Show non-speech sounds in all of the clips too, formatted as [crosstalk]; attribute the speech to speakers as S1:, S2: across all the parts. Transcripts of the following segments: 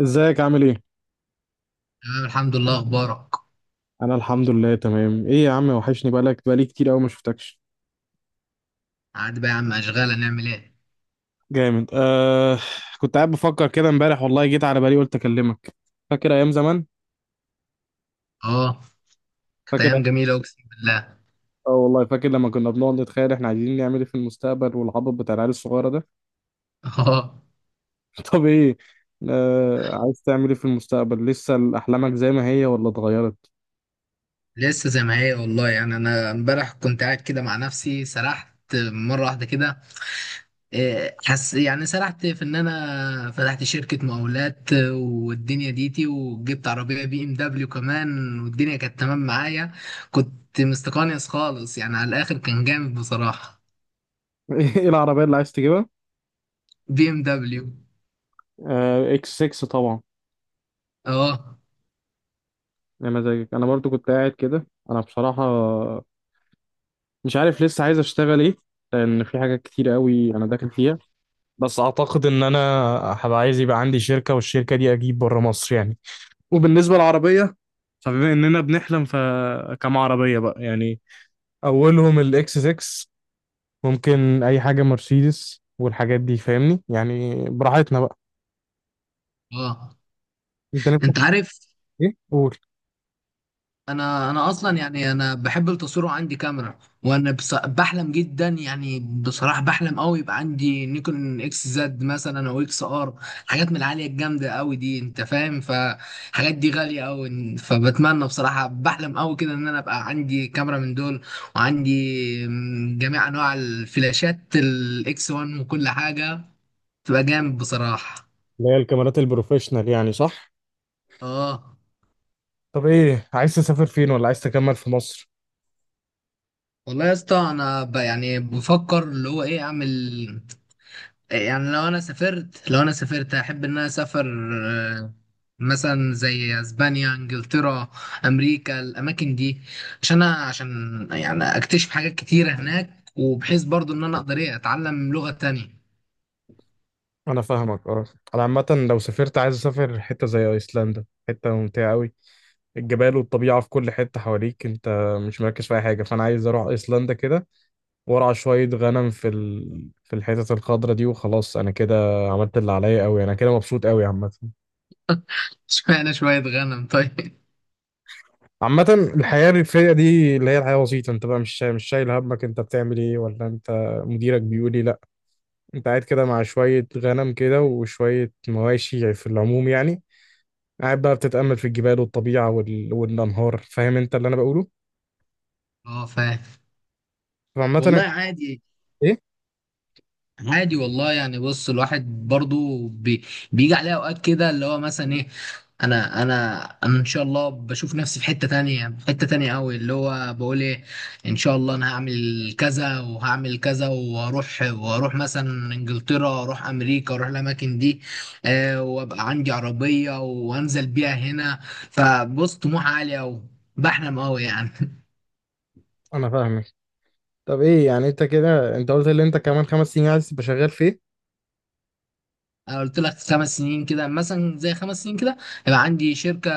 S1: ازيك عامل ايه؟
S2: تمام، الحمد لله. اخبارك؟
S1: انا الحمد لله تمام. ايه يا عم، وحشني بقالك بقالي كتير قوي ما شفتكش.
S2: عاد بقى يا عم، اشغال. هنعمل ايه؟
S1: جامد آه. كنت قاعد بفكر كده امبارح والله جيت على بالي قلت اكلمك. فاكر ايام زمان.
S2: اه، كانت
S1: فاكر.
S2: ايام جميله، اقسم بالله. [laughs]
S1: اه والله فاكر لما كنا بنقعد نتخيل احنا عايزين نعمل ايه في المستقبل، والعبط بتاع العيال الصغيره ده.
S2: اه.
S1: [laughs] طب ايه. عايز تعمل ايه في المستقبل، لسه احلامك زي ما هي ولا اتغيرت؟
S2: لسه زي ما هي، والله. يعني انا امبارح كنت قاعد كده مع نفسي، سرحت مره واحده كده. حس، يعني سرحت في ان انا فتحت شركه مقاولات والدنيا ديتي، وجبت عربيه بي ام دبليو كمان، والدنيا كانت تمام معايا. كنت مستقنيس خالص يعني، على الاخر كان جامد بصراحه.
S1: [laughs] ايه العربيه اللي عايز تجيبها؟
S2: بي ام دبليو.
S1: اكس 6 طبعا.
S2: اه.
S1: يا مزاجك. انا برضو كنت قاعد كده انا بصراحه. مش عارف لسه عايز اشتغل ايه، لان في حاجات كتير قوي انا داخل فيها. بس اعتقد ان انا هبقى عايز يبقى عندي شركة، والشركة دي اجيب بره مصر يعني. وبالنسبة للعربية، فبما اننا بنحلم فكم عربية بقى يعني. اولهم الاكس 6. ممكن اي حاجة مرسيدس والحاجات دي، فاهمني، يعني براحتنا بقى.
S2: اه.
S1: انت نفسك.
S2: انت عارف،
S1: ايه قول.
S2: انا اصلا يعني انا بحب التصوير وعندي كاميرا. وانا بحلم جدا يعني، بصراحه بحلم قوي يبقى عندي نيكون اكس زد مثلا او اكس ار. حاجات من العاليه الجامده قوي دي، انت فاهم، فحاجات دي غاليه قوي. فبتمنى بصراحه، بحلم قوي كده ان انا ابقى عندي كاميرا من دول. وعندي جميع انواع الفلاشات الاكس 1 وكل حاجه، تبقى جامد بصراحه.
S1: اللي هي الكاميرات البروفيشنال يعني، صح؟
S2: اه.
S1: طب ايه، عايز تسافر فين ولا عايز تكمل في مصر؟
S2: والله يا اسطى، انا يعني بفكر اللي هو ايه اعمل. يعني لو انا سافرت، لو انا سافرت احب ان انا اسافر. آه، مثلا زي اسبانيا، انجلترا، امريكا، الاماكن دي. عشان أنا، عشان يعني اكتشف حاجات كتيره هناك، وبحيث برضو ان انا اقدر ايه اتعلم لغه تانية.
S1: انا فاهمك اه. انا عامه لو سافرت عايز اسافر حته زي ايسلندا، حته ممتعه قوي. الجبال والطبيعه في كل حته حواليك انت، مش مركز في اي حاجه، فانا عايز اروح ايسلندا كده وارعى شويه غنم في الحتت الخضراء دي، وخلاص انا كده عملت اللي عليا قوي. انا كده مبسوط قوي عامه.
S2: [laughs] اشمعنى شويه غنم طيب؟
S1: عامه الحياه الريفيه دي اللي هي الحياه بسيطه، انت بقى مش شايل همك انت بتعمل ايه ولا انت مديرك بيقول ايه، لا انت قاعد كده مع شويه غنم كده وشويه مواشي في العموم يعني. قاعد بقى بتتأمل في الجبال والطبيعة والأنهار، فاهم انت اللي انا بقوله.
S2: اه، فاهم.
S1: فعامة
S2: والله عادي.
S1: ايه.
S2: عادي والله، يعني بص الواحد برضو بي، بيجي عليه اوقات كده اللي هو مثلا ايه. انا ان شاء الله بشوف نفسي في حتة تانية، في حتة تانية قوي. اللي هو بقول ايه، ان شاء الله انا هعمل كذا وهعمل كذا، وهروح واروح مثلا انجلترا، اروح امريكا، اروح الاماكن دي. آه، وابقى عندي عربية وانزل بيها هنا. فبص، طموح عالي قوي، بحلم قوي يعني.
S1: انا فاهمك. طب ايه يعني، انت كده انت قلت اللي انت كمان 5 سنين عايز تبقى شغال فيه.
S2: انا قلت لك 5 سنين كده، مثلا زي 5 سنين كده يبقى عندي شركه.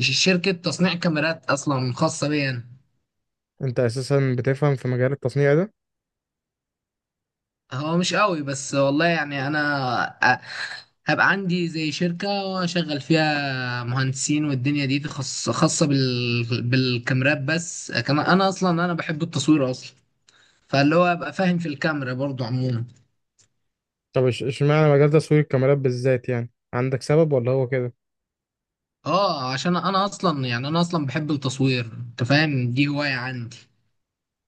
S2: شركه تصنيع كاميرات اصلا خاصه بيا أنا.
S1: انت اساسا بتفهم في مجال التصنيع ده؟
S2: هو مش قوي بس، والله يعني انا هبقى عندي زي شركه واشغل فيها مهندسين، والدنيا دي خاصه بالكاميرات بس. كمان انا اصلا انا بحب التصوير اصلا. فاللي هو ابقى فاهم في الكاميرا برضو عموما.
S1: طب اشمعنى مجال تصوير الكاميرات بالذات، يعني عندك سبب ولا هو كده؟
S2: اه، عشان انا اصلا يعني انا اصلا بحب التصوير. انت فاهم، دي هوايه عندي.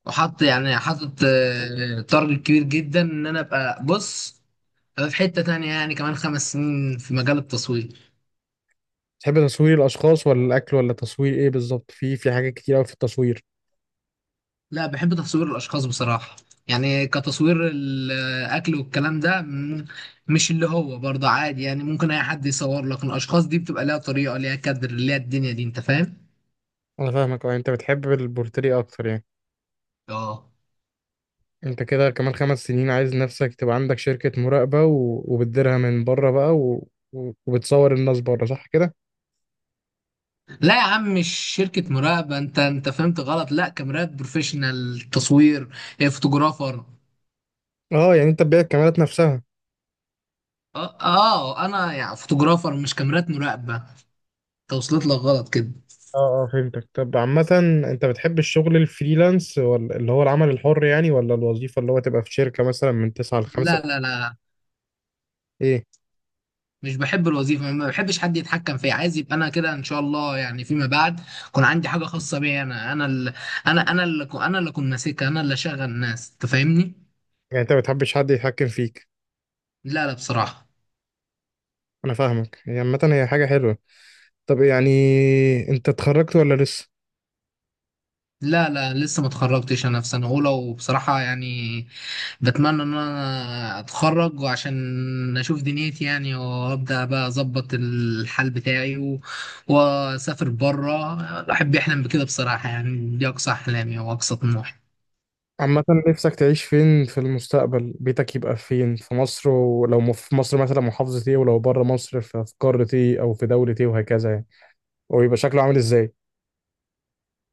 S2: وحط يعني، حاطط تارجت كبير جدا ان انا ابقى بص أبقى في حتة تانية يعني كمان 5 سنين في مجال التصوير.
S1: تحب تصوير الاشخاص ولا الاكل ولا تصوير ايه بالظبط، في في حاجات كتير قوي في التصوير.
S2: لا، بحب تصوير الاشخاص بصراحة. يعني كتصوير الاكل والكلام ده مش اللي هو برضه عادي، يعني ممكن اي حد يصور لك. الاشخاص دي بتبقى ليها طريقة، ليها كادر، ليها الدنيا دي انت فاهم.
S1: انا فاهمك اه، انت بتحب البورتري اكتر يعني.
S2: اه.
S1: انت كده كمان 5 سنين عايز نفسك تبقى عندك شركة مراقبة وبتديرها من بره بقى وبتصور الناس بره، صح كده؟
S2: لا يا عم، مش شركة مراقبة. انت فهمت غلط، لا، كاميرات بروفيشنال تصوير. فوتوغرافر.
S1: اه يعني انت تبيع الكاميرات نفسها.
S2: اه. انا يعني فوتوغرافر، مش كاميرات مراقبه. توصلت لك غلط كده.
S1: اه اه فهمتك. طب عامة، انت بتحب الشغل الفريلانس ولا اللي هو العمل الحر يعني، ولا الوظيفة اللي هو تبقى في شركة مثلا من تسعة لخمسة؟
S2: لا لا لا.
S1: ايه؟
S2: مش بحب الوظيفه، ما بحبش حد يتحكم فيا. عايز يبقى انا كده ان شاء الله يعني فيما بعد يكون عندي حاجه خاصه بيا. انا اللي، انا اللي اكون ماسكها، انا اللي اشغل الناس، تفهمني؟
S1: يعني انت ما بتحبش حد يتحكم فيك.
S2: لا لا بصراحه.
S1: انا فاهمك، هي عامة هي حاجة حلوة. طب يعني، انت اتخرجت ولا لسه؟
S2: لا لا، لسه ما اتخرجتش. انا في سنه اولى وبصراحه يعني بتمنى ان انا اتخرج، وعشان اشوف دنيتي يعني، وابدا بقى اظبط الحال بتاعي و... واسافر بره. الواحد بيحلم بكده بصراحه، يعني دي اقصى احلامي واقصى طموحي.
S1: عامة نفسك تعيش فين في المستقبل، بيتك يبقى فين، في مصر ولو في مصر مثلا محافظة ايه، ولو بره مصر في قارة ايه او في دولة ايه وهكذا يعني، ويبقى شكله عامل ازاي؟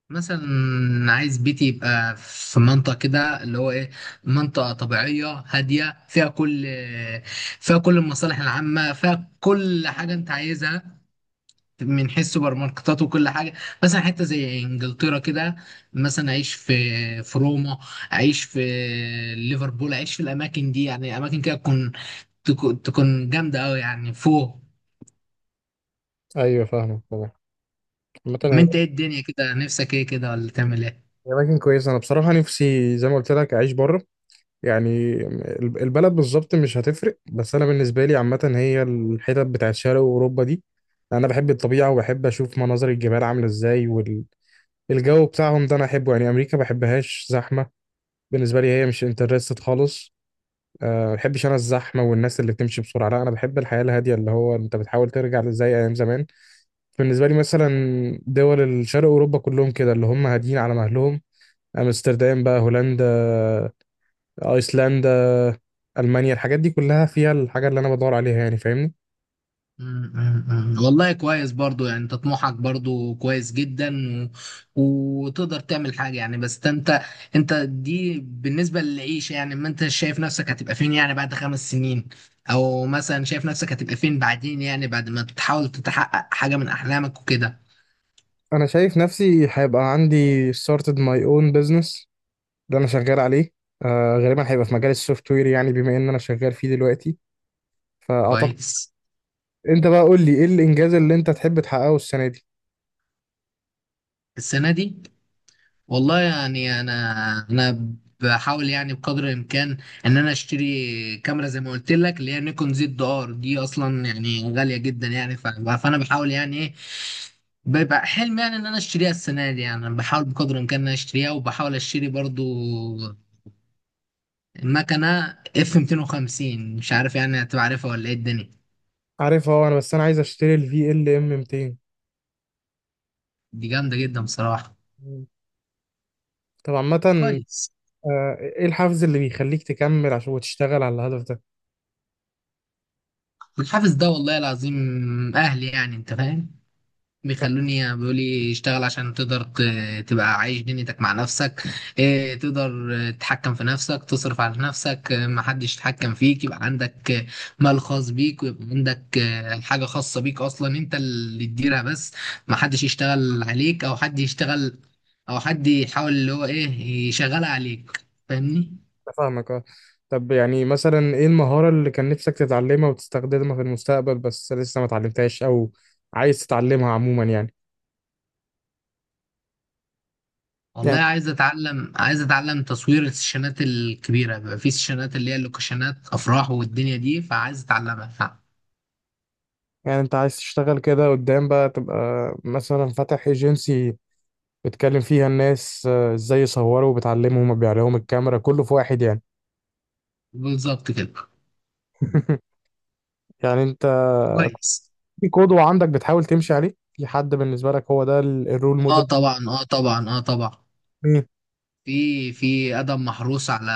S2: مثلا عايز بيتي يبقى في منطقه كده، اللي هو ايه، منطقه طبيعيه هاديه، فيها كل، فيها كل المصالح العامه، فيها كل حاجه انت عايزها، من حيث سوبر ماركتات وكل حاجه. مثلا حته زي انجلترا كده، مثلا اعيش في في روما، اعيش في ليفربول، اعيش في الاماكن دي. يعني اماكن كده تكون تكون جامده قوي يعني فوق.
S1: ايوه فاهمك طبعا. عامة
S2: ما
S1: هي
S2: انت ايه الدنيا كده، نفسك ايه كده ولا تعمل ايه؟
S1: هي أماكن كويسة. أنا بصراحة نفسي زي ما قلت لك أعيش بره. يعني البلد بالظبط مش هتفرق، بس أنا بالنسبة لي عامة هي الحتت بتاعت شرق أوروبا دي. أنا بحب الطبيعة وبحب أشوف مناظر الجبال عاملة إزاي، والجو بتاعهم ده أنا أحبه. يعني أمريكا بحبهاش، زحمة. بالنسبه لي هي مش انترستد خالص. أه ما بحبش انا الزحمه والناس اللي بتمشي بسرعه، لا انا بحب الحياه الهاديه اللي هو انت بتحاول ترجع زي ايام زمان. بالنسبه لي مثلا دول الشرق اوروبا كلهم كده اللي هم هاديين على مهلهم. امستردام بقى، هولندا، ايسلندا، المانيا، الحاجات دي كلها فيها الحاجه اللي انا بدور عليها يعني، فاهمني.
S2: مم، مم، مم. والله كويس برضو، يعني انت طموحك برضو كويس جدا. و... وتقدر تعمل حاجة يعني. بس انت، انت دي بالنسبة للعيشة يعني، ما انت شايف نفسك هتبقى فين يعني بعد 5 سنين، او مثلا شايف نفسك هتبقى فين بعدين يعني بعد ما تحاول تتحقق حاجة من احلامك وكده؟
S1: انا شايف نفسي هيبقى عندي started my own business اللي انا شغال عليه. آه غالبا هيبقى في مجال السوفت وير يعني، بما ان انا شغال فيه دلوقتي، فاعتقد.
S2: كويس.
S1: انت بقى قول لي، ايه الانجاز اللي انت تحب تحققه السنه دي؟
S2: السنة دي، والله يعني انا، انا بحاول يعني بقدر الامكان ان انا اشتري كاميرا زي ما قلت لك، اللي هي نيكون زد ار دي، اصلا يعني غاليه جدا يعني. فانا بحاول يعني ايه، بيبقى حلم يعني ان انا اشتريها السنه دي. يعني انا بحاول بقدر الامكان ان انا اشتريها، وبحاول اشتري برضو مكنه اف 250، مش عارف يعني هتبقى عارفها ولا ايه الدنيا.
S1: عارفها. هو انا بس انا عايز اشتري الفي ال ام 200.
S2: دي جامده جدا بصراحه.
S1: طب عامه.
S2: كويس.
S1: ايه الحافز اللي بيخليك تكمل عشان وتشتغل على الهدف ده؟
S2: الحافز ده، والله العظيم، اهلي يعني انت فاهم.
S1: فا-
S2: بيخلوني، بيقول لي اشتغل عشان تقدر تبقى عايش دنيتك مع نفسك. اه، تقدر، اه، تتحكم في نفسك، تصرف على نفسك، اه، محدش يتحكم فيك، يبقى عندك، اه، مال خاص بيك، ويبقى عندك، اه، حاجة خاصة بيك، أصلا أنت اللي تديرها بس، محدش يشتغل عليك، أو حد يشتغل، أو حد يحاول اللي هو إيه، يشغلها عليك، فاهمني؟
S1: أنا فاهمك اه. طب يعني مثلا، ايه المهاره اللي كان نفسك تتعلمها وتستخدمها في المستقبل بس لسه ما اتعلمتهاش، او عايز تتعلمها عموما
S2: والله،
S1: يعني
S2: عايز اتعلم، عايز اتعلم تصوير السيشنات الكبيره، بيبقى في سيشنات اللي هي اللوكيشنات افراح والدنيا دي، فعايز اتعلمها.
S1: يعني انت عايز تشتغل كده قدام بقى تبقى مثلا فاتح ايجنسي بتكلم فيها الناس ازاي يصوروا وبتعلمهم وبيع لهم الكاميرا كله في واحد يعني.
S2: بالظبط كده.
S1: [laughs] يعني انت
S2: كويس.
S1: في قدوة عندك بتحاول تمشي عليه، في حد بالنسبة لك هو ده الرول
S2: اه
S1: موديل؟
S2: طبعا، اه طبعا، اه طبعا.
S1: مين؟
S2: في ادم محروس على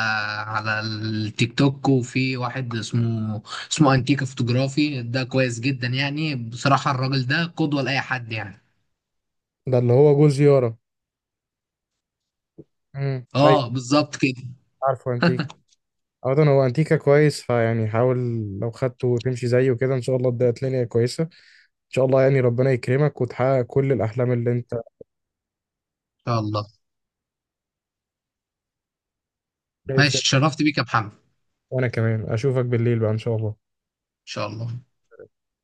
S2: التيك توك، وفي واحد اسمه انتيكا فوتوغرافي، ده كويس جدا يعني بصراحة. الراجل ده قدوة لأي حد يعني.
S1: ده اللي هو جوز يارا. ايوه.
S2: اه بالظبط كده. ان
S1: عارفه انتيكا. عامة هو انتيكا كويس، فيعني حاول لو خدته وتمشي زيه كده ان شاء الله تبقى الدنيا كويسة. ان شاء الله يعني ربنا يكرمك وتحقق كل الاحلام اللي انت
S2: شاء الله. ماشي،
S1: عايشها.
S2: اتشرفت بيك يا محمد. ان
S1: وانا كمان اشوفك بالليل بقى ان شاء الله.
S2: شاء الله.